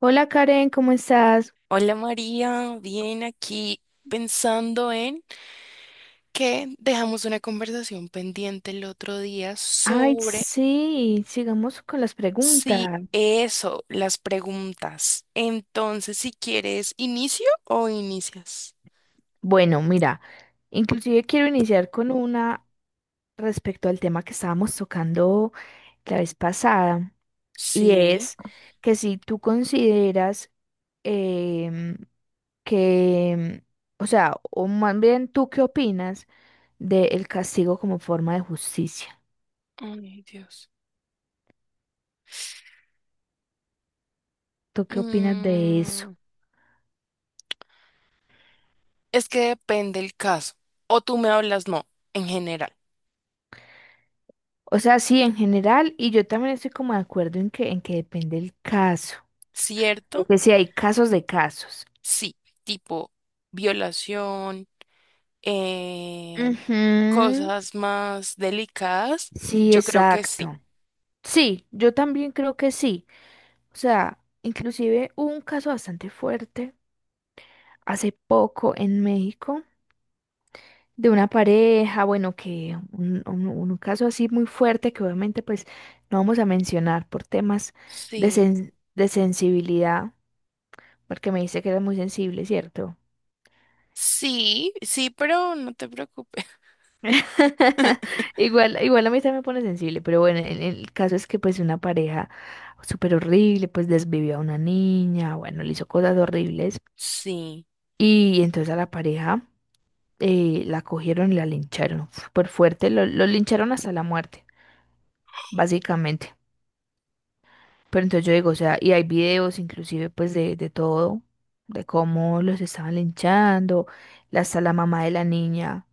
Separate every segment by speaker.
Speaker 1: Hola Karen, ¿cómo estás?
Speaker 2: Hola María, bien aquí pensando en que dejamos una conversación pendiente el otro día
Speaker 1: Ay,
Speaker 2: sobre
Speaker 1: sí, sigamos con las
Speaker 2: si
Speaker 1: preguntas.
Speaker 2: eso, las preguntas. Entonces, si quieres, ¿inicio o inicias?
Speaker 1: Bueno, mira, inclusive quiero iniciar con una respecto al tema que estábamos tocando la vez pasada, y
Speaker 2: Sí.
Speaker 1: es que si tú consideras em, que, o sea, o más bien tú qué opinas del castigo como forma de justicia.
Speaker 2: Ay, Dios.
Speaker 1: ¿Tú qué opinas de eso?
Speaker 2: Mm, es que depende el caso. O tú me hablas, no, en general.
Speaker 1: O sea, sí, en general, y yo también estoy como de acuerdo en que depende el caso.
Speaker 2: ¿Cierto?
Speaker 1: Porque sí hay casos de casos.
Speaker 2: Sí. Tipo violación, eh,
Speaker 1: Ujú.
Speaker 2: cosas más delicadas,
Speaker 1: Sí,
Speaker 2: yo creo que sí.
Speaker 1: exacto. Sí, yo también creo que sí. O sea, inclusive hubo un caso bastante fuerte hace poco en México de una pareja, bueno, que un caso así muy fuerte que obviamente pues no vamos a mencionar por temas de,
Speaker 2: Sí,
Speaker 1: de sensibilidad, porque me dice que era muy sensible, ¿cierto?
Speaker 2: sí, sí, pero no te preocupes.
Speaker 1: Igual, igual a mí también me pone sensible, pero bueno, el caso es que pues una pareja súper horrible, pues desvivió a una niña, bueno, le hizo cosas horribles
Speaker 2: Sí,
Speaker 1: y entonces a la pareja la cogieron y la lincharon súper fuerte, lo lincharon hasta la muerte, básicamente. Pero entonces yo digo, o sea, y hay videos inclusive pues de todo, de cómo los estaban linchando, hasta la mamá de la niña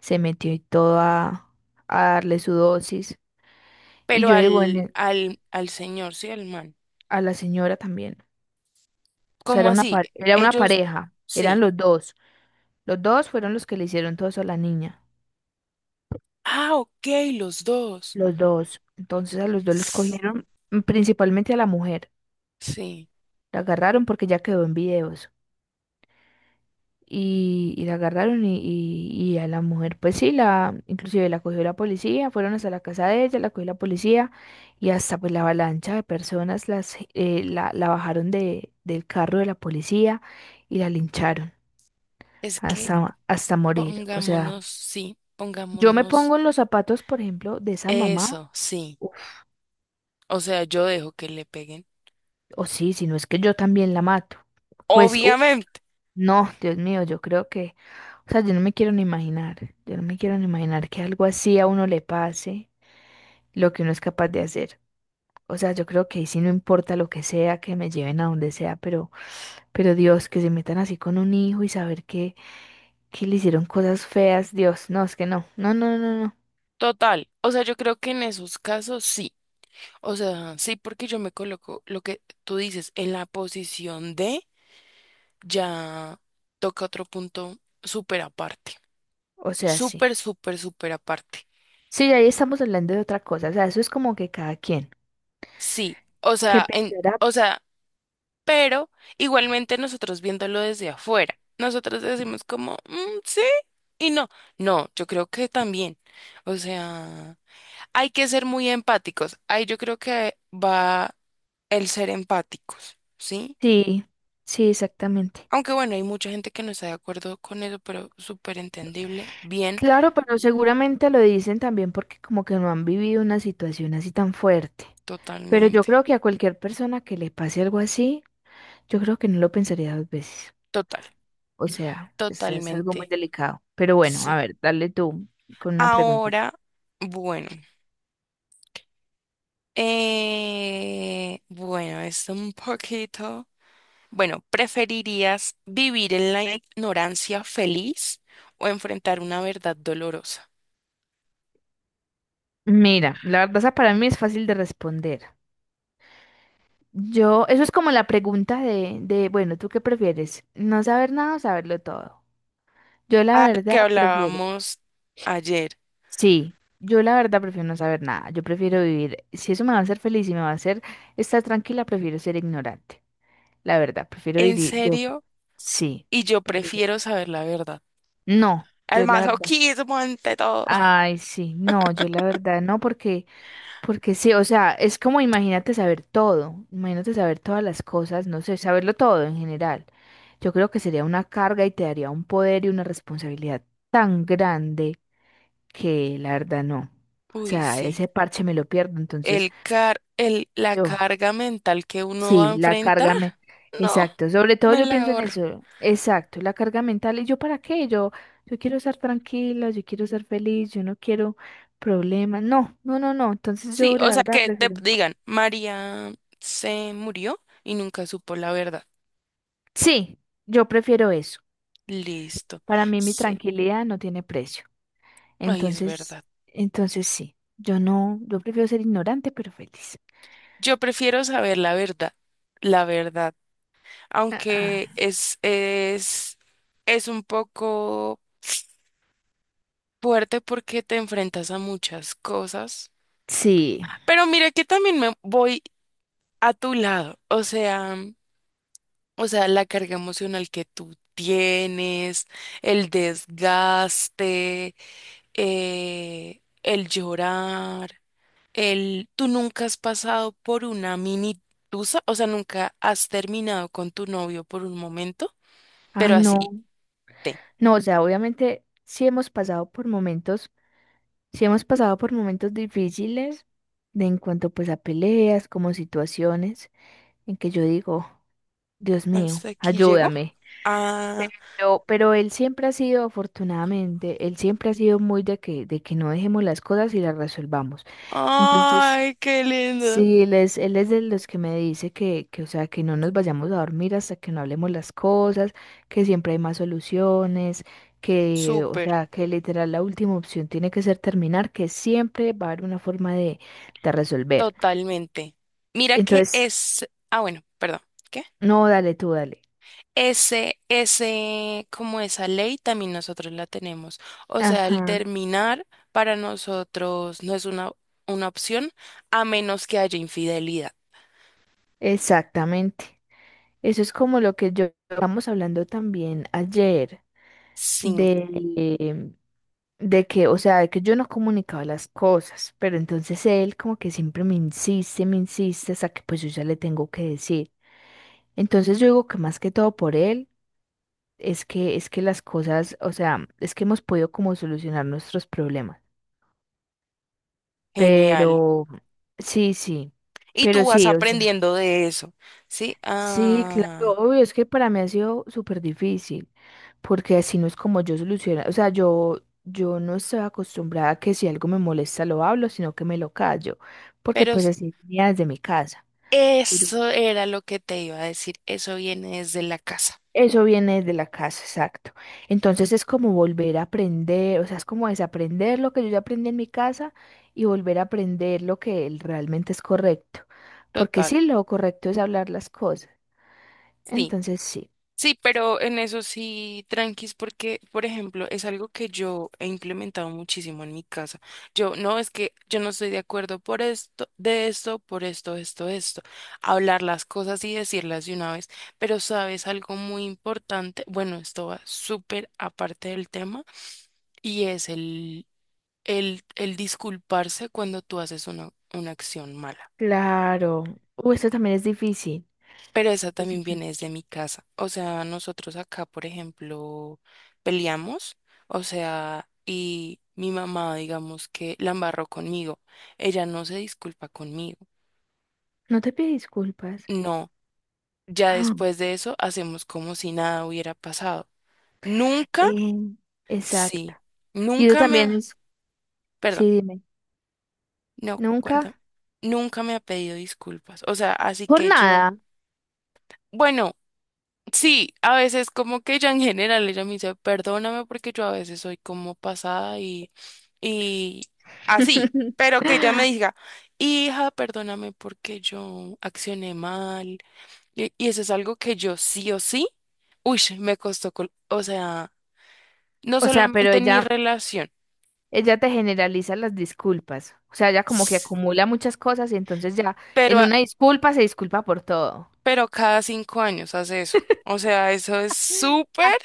Speaker 1: se metió y todo a darle su dosis. Y
Speaker 2: pero
Speaker 1: yo digo
Speaker 2: al, al, al señor, sí, al man.
Speaker 1: a la señora también. O sea,
Speaker 2: ¿Cómo
Speaker 1: era una,
Speaker 2: así?
Speaker 1: era una
Speaker 2: Ellos,
Speaker 1: pareja, eran
Speaker 2: sí.
Speaker 1: los dos. Los dos fueron los que le hicieron todo eso a la niña.
Speaker 2: Ah, ok, los dos.
Speaker 1: Los dos. Entonces a los dos los cogieron, principalmente a la mujer.
Speaker 2: Sí,
Speaker 1: La agarraron porque ya quedó en videos. Y la agarraron y a la mujer, pues sí, la, inclusive la cogió la policía, fueron hasta la casa de ella, la cogió la policía y hasta pues la avalancha de personas la bajaron del carro de la policía y la lincharon.
Speaker 2: es que
Speaker 1: Hasta, hasta morir. O
Speaker 2: pongámonos,
Speaker 1: sea,
Speaker 2: sí,
Speaker 1: yo me
Speaker 2: pongámonos
Speaker 1: pongo en los zapatos, por ejemplo, de esa mamá,
Speaker 2: eso, sí.
Speaker 1: uf,
Speaker 2: O sea, yo dejo que le peguen.
Speaker 1: o sí, si no es que yo también la mato. Pues, uf,
Speaker 2: Obviamente,
Speaker 1: no, Dios mío, yo creo que, o sea, yo no me quiero ni imaginar, yo no me quiero ni imaginar que algo así a uno le pase, lo que uno es capaz de hacer. O sea, yo creo que ahí sí no importa lo que sea, que me lleven a donde sea, pero Dios, que se metan así con un hijo y saber que le hicieron cosas feas, Dios, no, es que no, no, no, no, no.
Speaker 2: total. O sea, yo creo que en esos casos sí. O sea, sí, porque yo me coloco lo que tú dices en la posición de ya, toca otro punto súper aparte.
Speaker 1: O sea, sí.
Speaker 2: Súper aparte.
Speaker 1: Sí, ahí estamos hablando de otra cosa, o sea, eso es como que cada quien.
Speaker 2: Sí, o
Speaker 1: ¿Qué
Speaker 2: sea,
Speaker 1: pensará?
Speaker 2: o sea, pero igualmente nosotros viéndolo desde afuera, nosotros decimos como, "Mm, sí y no. No, yo creo que también. O sea, hay que ser muy empáticos. Ahí yo creo que va el ser empáticos, ¿sí?
Speaker 1: Sí, sí, exactamente.
Speaker 2: Aunque bueno, hay mucha gente que no está de acuerdo con eso, pero súper entendible. Bien,
Speaker 1: Claro, pero seguramente lo dicen también porque como que no han vivido una situación así tan fuerte. Pero yo
Speaker 2: totalmente.
Speaker 1: creo que a cualquier persona que le pase algo así, yo creo que no lo pensaría dos veces.
Speaker 2: Total,
Speaker 1: O sea, es algo muy
Speaker 2: totalmente.
Speaker 1: delicado. Pero bueno, a
Speaker 2: Sí.
Speaker 1: ver, dale tú con una preguntita.
Speaker 2: Ahora, bueno. Bueno, es un poquito. Bueno, ¿preferirías vivir en la ignorancia feliz o enfrentar una verdad dolorosa?
Speaker 1: Mira, la verdad esa para mí es fácil de responder. Yo, eso es como la pregunta de, bueno, ¿tú qué prefieres? ¿No saber nada o saberlo todo? Yo la
Speaker 2: Ah, que
Speaker 1: verdad prefiero.
Speaker 2: hablábamos ayer.
Speaker 1: Sí, yo la verdad prefiero no saber nada. Yo prefiero vivir, si eso me va a hacer feliz y me va a hacer estar tranquila, prefiero ser ignorante. La verdad, prefiero
Speaker 2: ¿En
Speaker 1: vivir, yo,
Speaker 2: serio?
Speaker 1: sí,
Speaker 2: Y yo prefiero saber la verdad.
Speaker 1: no,
Speaker 2: Al
Speaker 1: yo la verdad.
Speaker 2: masoquismo ante todo.
Speaker 1: Ay, sí, no, yo la verdad no, porque, porque sí, o sea, es como imagínate saber todo, imagínate saber todas las cosas, no sé, saberlo todo en general. Yo creo que sería una carga y te daría un poder y una responsabilidad tan grande que la verdad no. O
Speaker 2: Uy,
Speaker 1: sea,
Speaker 2: sí.
Speaker 1: ese parche me lo pierdo, entonces
Speaker 2: La
Speaker 1: yo.
Speaker 2: carga mental que uno va
Speaker 1: Sí,
Speaker 2: a
Speaker 1: la
Speaker 2: enfrentar,
Speaker 1: carga mental.
Speaker 2: no,
Speaker 1: Exacto, sobre todo
Speaker 2: me
Speaker 1: yo
Speaker 2: la
Speaker 1: pienso en
Speaker 2: ahorro.
Speaker 1: eso. Exacto, la carga mental. ¿Y yo para qué? Yo quiero estar tranquila, yo quiero ser feliz, yo no quiero problemas. No, no, no, no. Entonces
Speaker 2: Sí,
Speaker 1: yo la
Speaker 2: o sea
Speaker 1: verdad
Speaker 2: que te
Speaker 1: prefiero.
Speaker 2: digan, María se murió y nunca supo la verdad.
Speaker 1: Sí, yo prefiero eso.
Speaker 2: Listo.
Speaker 1: Para mí mi
Speaker 2: Sí,
Speaker 1: tranquilidad no tiene precio.
Speaker 2: ahí es
Speaker 1: Entonces,
Speaker 2: verdad.
Speaker 1: entonces sí, yo no, yo prefiero ser ignorante pero feliz.
Speaker 2: Yo prefiero saber la verdad,
Speaker 1: Ah,
Speaker 2: aunque
Speaker 1: ah,
Speaker 2: es un poco fuerte porque te enfrentas a muchas cosas.
Speaker 1: sí,
Speaker 2: Pero mira que también me voy a tu lado, o sea. O sea, la carga emocional que tú tienes, el desgaste, el llorar, el... Tú nunca has pasado por una mini tusa, o sea, nunca has terminado con tu novio por un momento, pero
Speaker 1: ay
Speaker 2: así
Speaker 1: no,
Speaker 2: te...
Speaker 1: no, o sea, obviamente sí hemos pasado por momentos. Si hemos pasado por momentos difíciles de en cuanto pues a peleas, como situaciones en que yo digo, Dios mío,
Speaker 2: Hasta aquí llegó.
Speaker 1: ayúdame.
Speaker 2: Ah,
Speaker 1: Pero él siempre ha sido, afortunadamente, él siempre ha sido muy de que no dejemos las cosas y las resolvamos. Entonces,
Speaker 2: ay, qué lindo.
Speaker 1: sí, él es de los que me dice que, o sea, que no nos vayamos a dormir hasta que no hablemos las cosas, que siempre hay más soluciones, que, o
Speaker 2: Súper,
Speaker 1: sea, que literal la última opción tiene que ser terminar, que siempre va a haber una forma de resolver.
Speaker 2: totalmente. Mira que
Speaker 1: Entonces,
Speaker 2: es... Ah, bueno, perdón. ¿Qué?
Speaker 1: no, dale tú, dale.
Speaker 2: Como esa ley también nosotros la tenemos. O sea, el
Speaker 1: Ajá,
Speaker 2: terminar para nosotros no es una opción a menos que haya infidelidad.
Speaker 1: exactamente. Eso es como lo que yo estábamos hablando también ayer. Sí,
Speaker 2: Sí,
Speaker 1: de que, o sea, de que yo no comunicaba las cosas, pero entonces él como que siempre me insiste hasta que pues yo ya le tengo que decir. Entonces yo digo que más que todo por él es que las cosas, o sea, es que hemos podido como solucionar nuestros problemas.
Speaker 2: genial.
Speaker 1: Pero sí, sí.
Speaker 2: Y
Speaker 1: Pero
Speaker 2: tú vas
Speaker 1: sí, o sea,
Speaker 2: aprendiendo de eso. Sí,
Speaker 1: sí, claro,
Speaker 2: ah,
Speaker 1: obvio, es que para mí ha sido súper difícil, porque así no es como yo soluciono, o sea, yo no estoy acostumbrada a que si algo me molesta lo hablo, sino que me lo callo, porque
Speaker 2: pero
Speaker 1: pues
Speaker 2: s-
Speaker 1: así venía desde mi casa, pero
Speaker 2: eso era lo que te iba a decir. Eso viene desde la casa.
Speaker 1: eso viene de la casa, exacto. Entonces es como volver a aprender, o sea, es como desaprender lo que yo ya aprendí en mi casa y volver a aprender lo que realmente es correcto, porque
Speaker 2: Total.
Speaker 1: sí, lo correcto es hablar las cosas,
Speaker 2: Sí.
Speaker 1: entonces sí.
Speaker 2: Sí, pero en eso sí, tranquis, porque, por ejemplo, es algo que yo he implementado muchísimo en mi casa. Yo, no, es que yo no estoy de acuerdo por esto, de esto, por esto, esto, esto. Hablar las cosas y decirlas de una vez. Pero sabes algo muy importante, bueno, esto va súper aparte del tema, y es el disculparse cuando tú haces una acción mala.
Speaker 1: Claro. Esto también es difícil.
Speaker 2: Pero esa también
Speaker 1: Exacto.
Speaker 2: viene desde mi casa. O sea, nosotros acá, por ejemplo, peleamos. O sea, y mi mamá, digamos que la embarró conmigo. Ella no se disculpa conmigo.
Speaker 1: No te pide disculpas.
Speaker 2: No. Ya
Speaker 1: Ah,
Speaker 2: después de eso hacemos como si nada hubiera pasado. Nunca,
Speaker 1: eh, exacto.
Speaker 2: sí.
Speaker 1: Y eso
Speaker 2: Nunca me
Speaker 1: también
Speaker 2: ha...
Speaker 1: es,
Speaker 2: Perdón,
Speaker 1: sí, dime,
Speaker 2: no, cuéntame.
Speaker 1: nunca,
Speaker 2: Nunca me ha pedido disculpas. O sea, así
Speaker 1: por
Speaker 2: que yo...
Speaker 1: nada.
Speaker 2: Bueno. Sí, a veces como que ella en general, ella me dice, perdóname porque yo a veces soy como pasada y así, pero que ella me diga, hija, perdóname porque yo accioné mal. Y eso es algo que yo sí o sí, uy, o sea, no
Speaker 1: O sea, pero
Speaker 2: solamente en mi
Speaker 1: ella,
Speaker 2: relación,
Speaker 1: ella te generaliza las disculpas. O sea, ella como que
Speaker 2: s-
Speaker 1: acumula muchas cosas y entonces ya
Speaker 2: pero,
Speaker 1: en
Speaker 2: a-
Speaker 1: una disculpa se disculpa por todo.
Speaker 2: pero cada 5 años hace eso. O sea, eso es súper,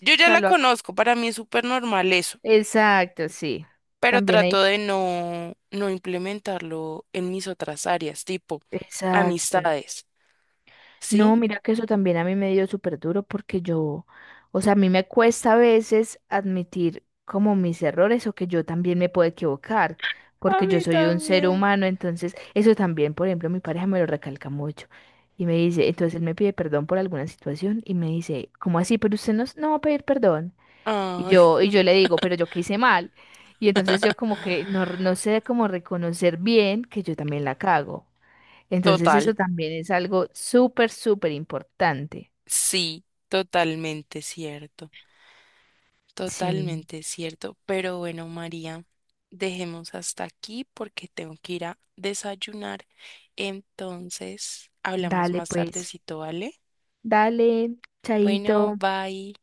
Speaker 2: yo
Speaker 1: O
Speaker 2: ya
Speaker 1: sea,
Speaker 2: la conozco, para mí es súper normal eso.
Speaker 1: exacto, sí.
Speaker 2: Pero
Speaker 1: También hay.
Speaker 2: trato de no implementarlo en mis otras áreas, tipo
Speaker 1: Exacto.
Speaker 2: amistades,
Speaker 1: No,
Speaker 2: ¿sí?
Speaker 1: mira que eso también a mí me dio súper duro porque yo, o sea, a mí me cuesta a veces admitir como mis errores o que yo también me puedo equivocar,
Speaker 2: A
Speaker 1: porque yo
Speaker 2: mí
Speaker 1: soy un ser
Speaker 2: también.
Speaker 1: humano, entonces eso también, por ejemplo, mi pareja me lo recalca mucho y me dice, entonces él me pide perdón por alguna situación y me dice, ¿cómo así? Pero usted no, no va a pedir perdón. Y
Speaker 2: Ay,
Speaker 1: yo, y yo le digo, pero yo qué hice mal. Y entonces yo como que no, no sé cómo reconocer bien que yo también la cago. Entonces
Speaker 2: total,
Speaker 1: eso también es algo súper, súper importante.
Speaker 2: sí, totalmente cierto,
Speaker 1: Sí,
Speaker 2: totalmente cierto. Pero bueno, María, dejemos hasta aquí porque tengo que ir a desayunar. Entonces, hablamos
Speaker 1: dale
Speaker 2: más
Speaker 1: pues,
Speaker 2: tardecito, ¿vale?
Speaker 1: dale,
Speaker 2: Bueno,
Speaker 1: chaito.
Speaker 2: bye.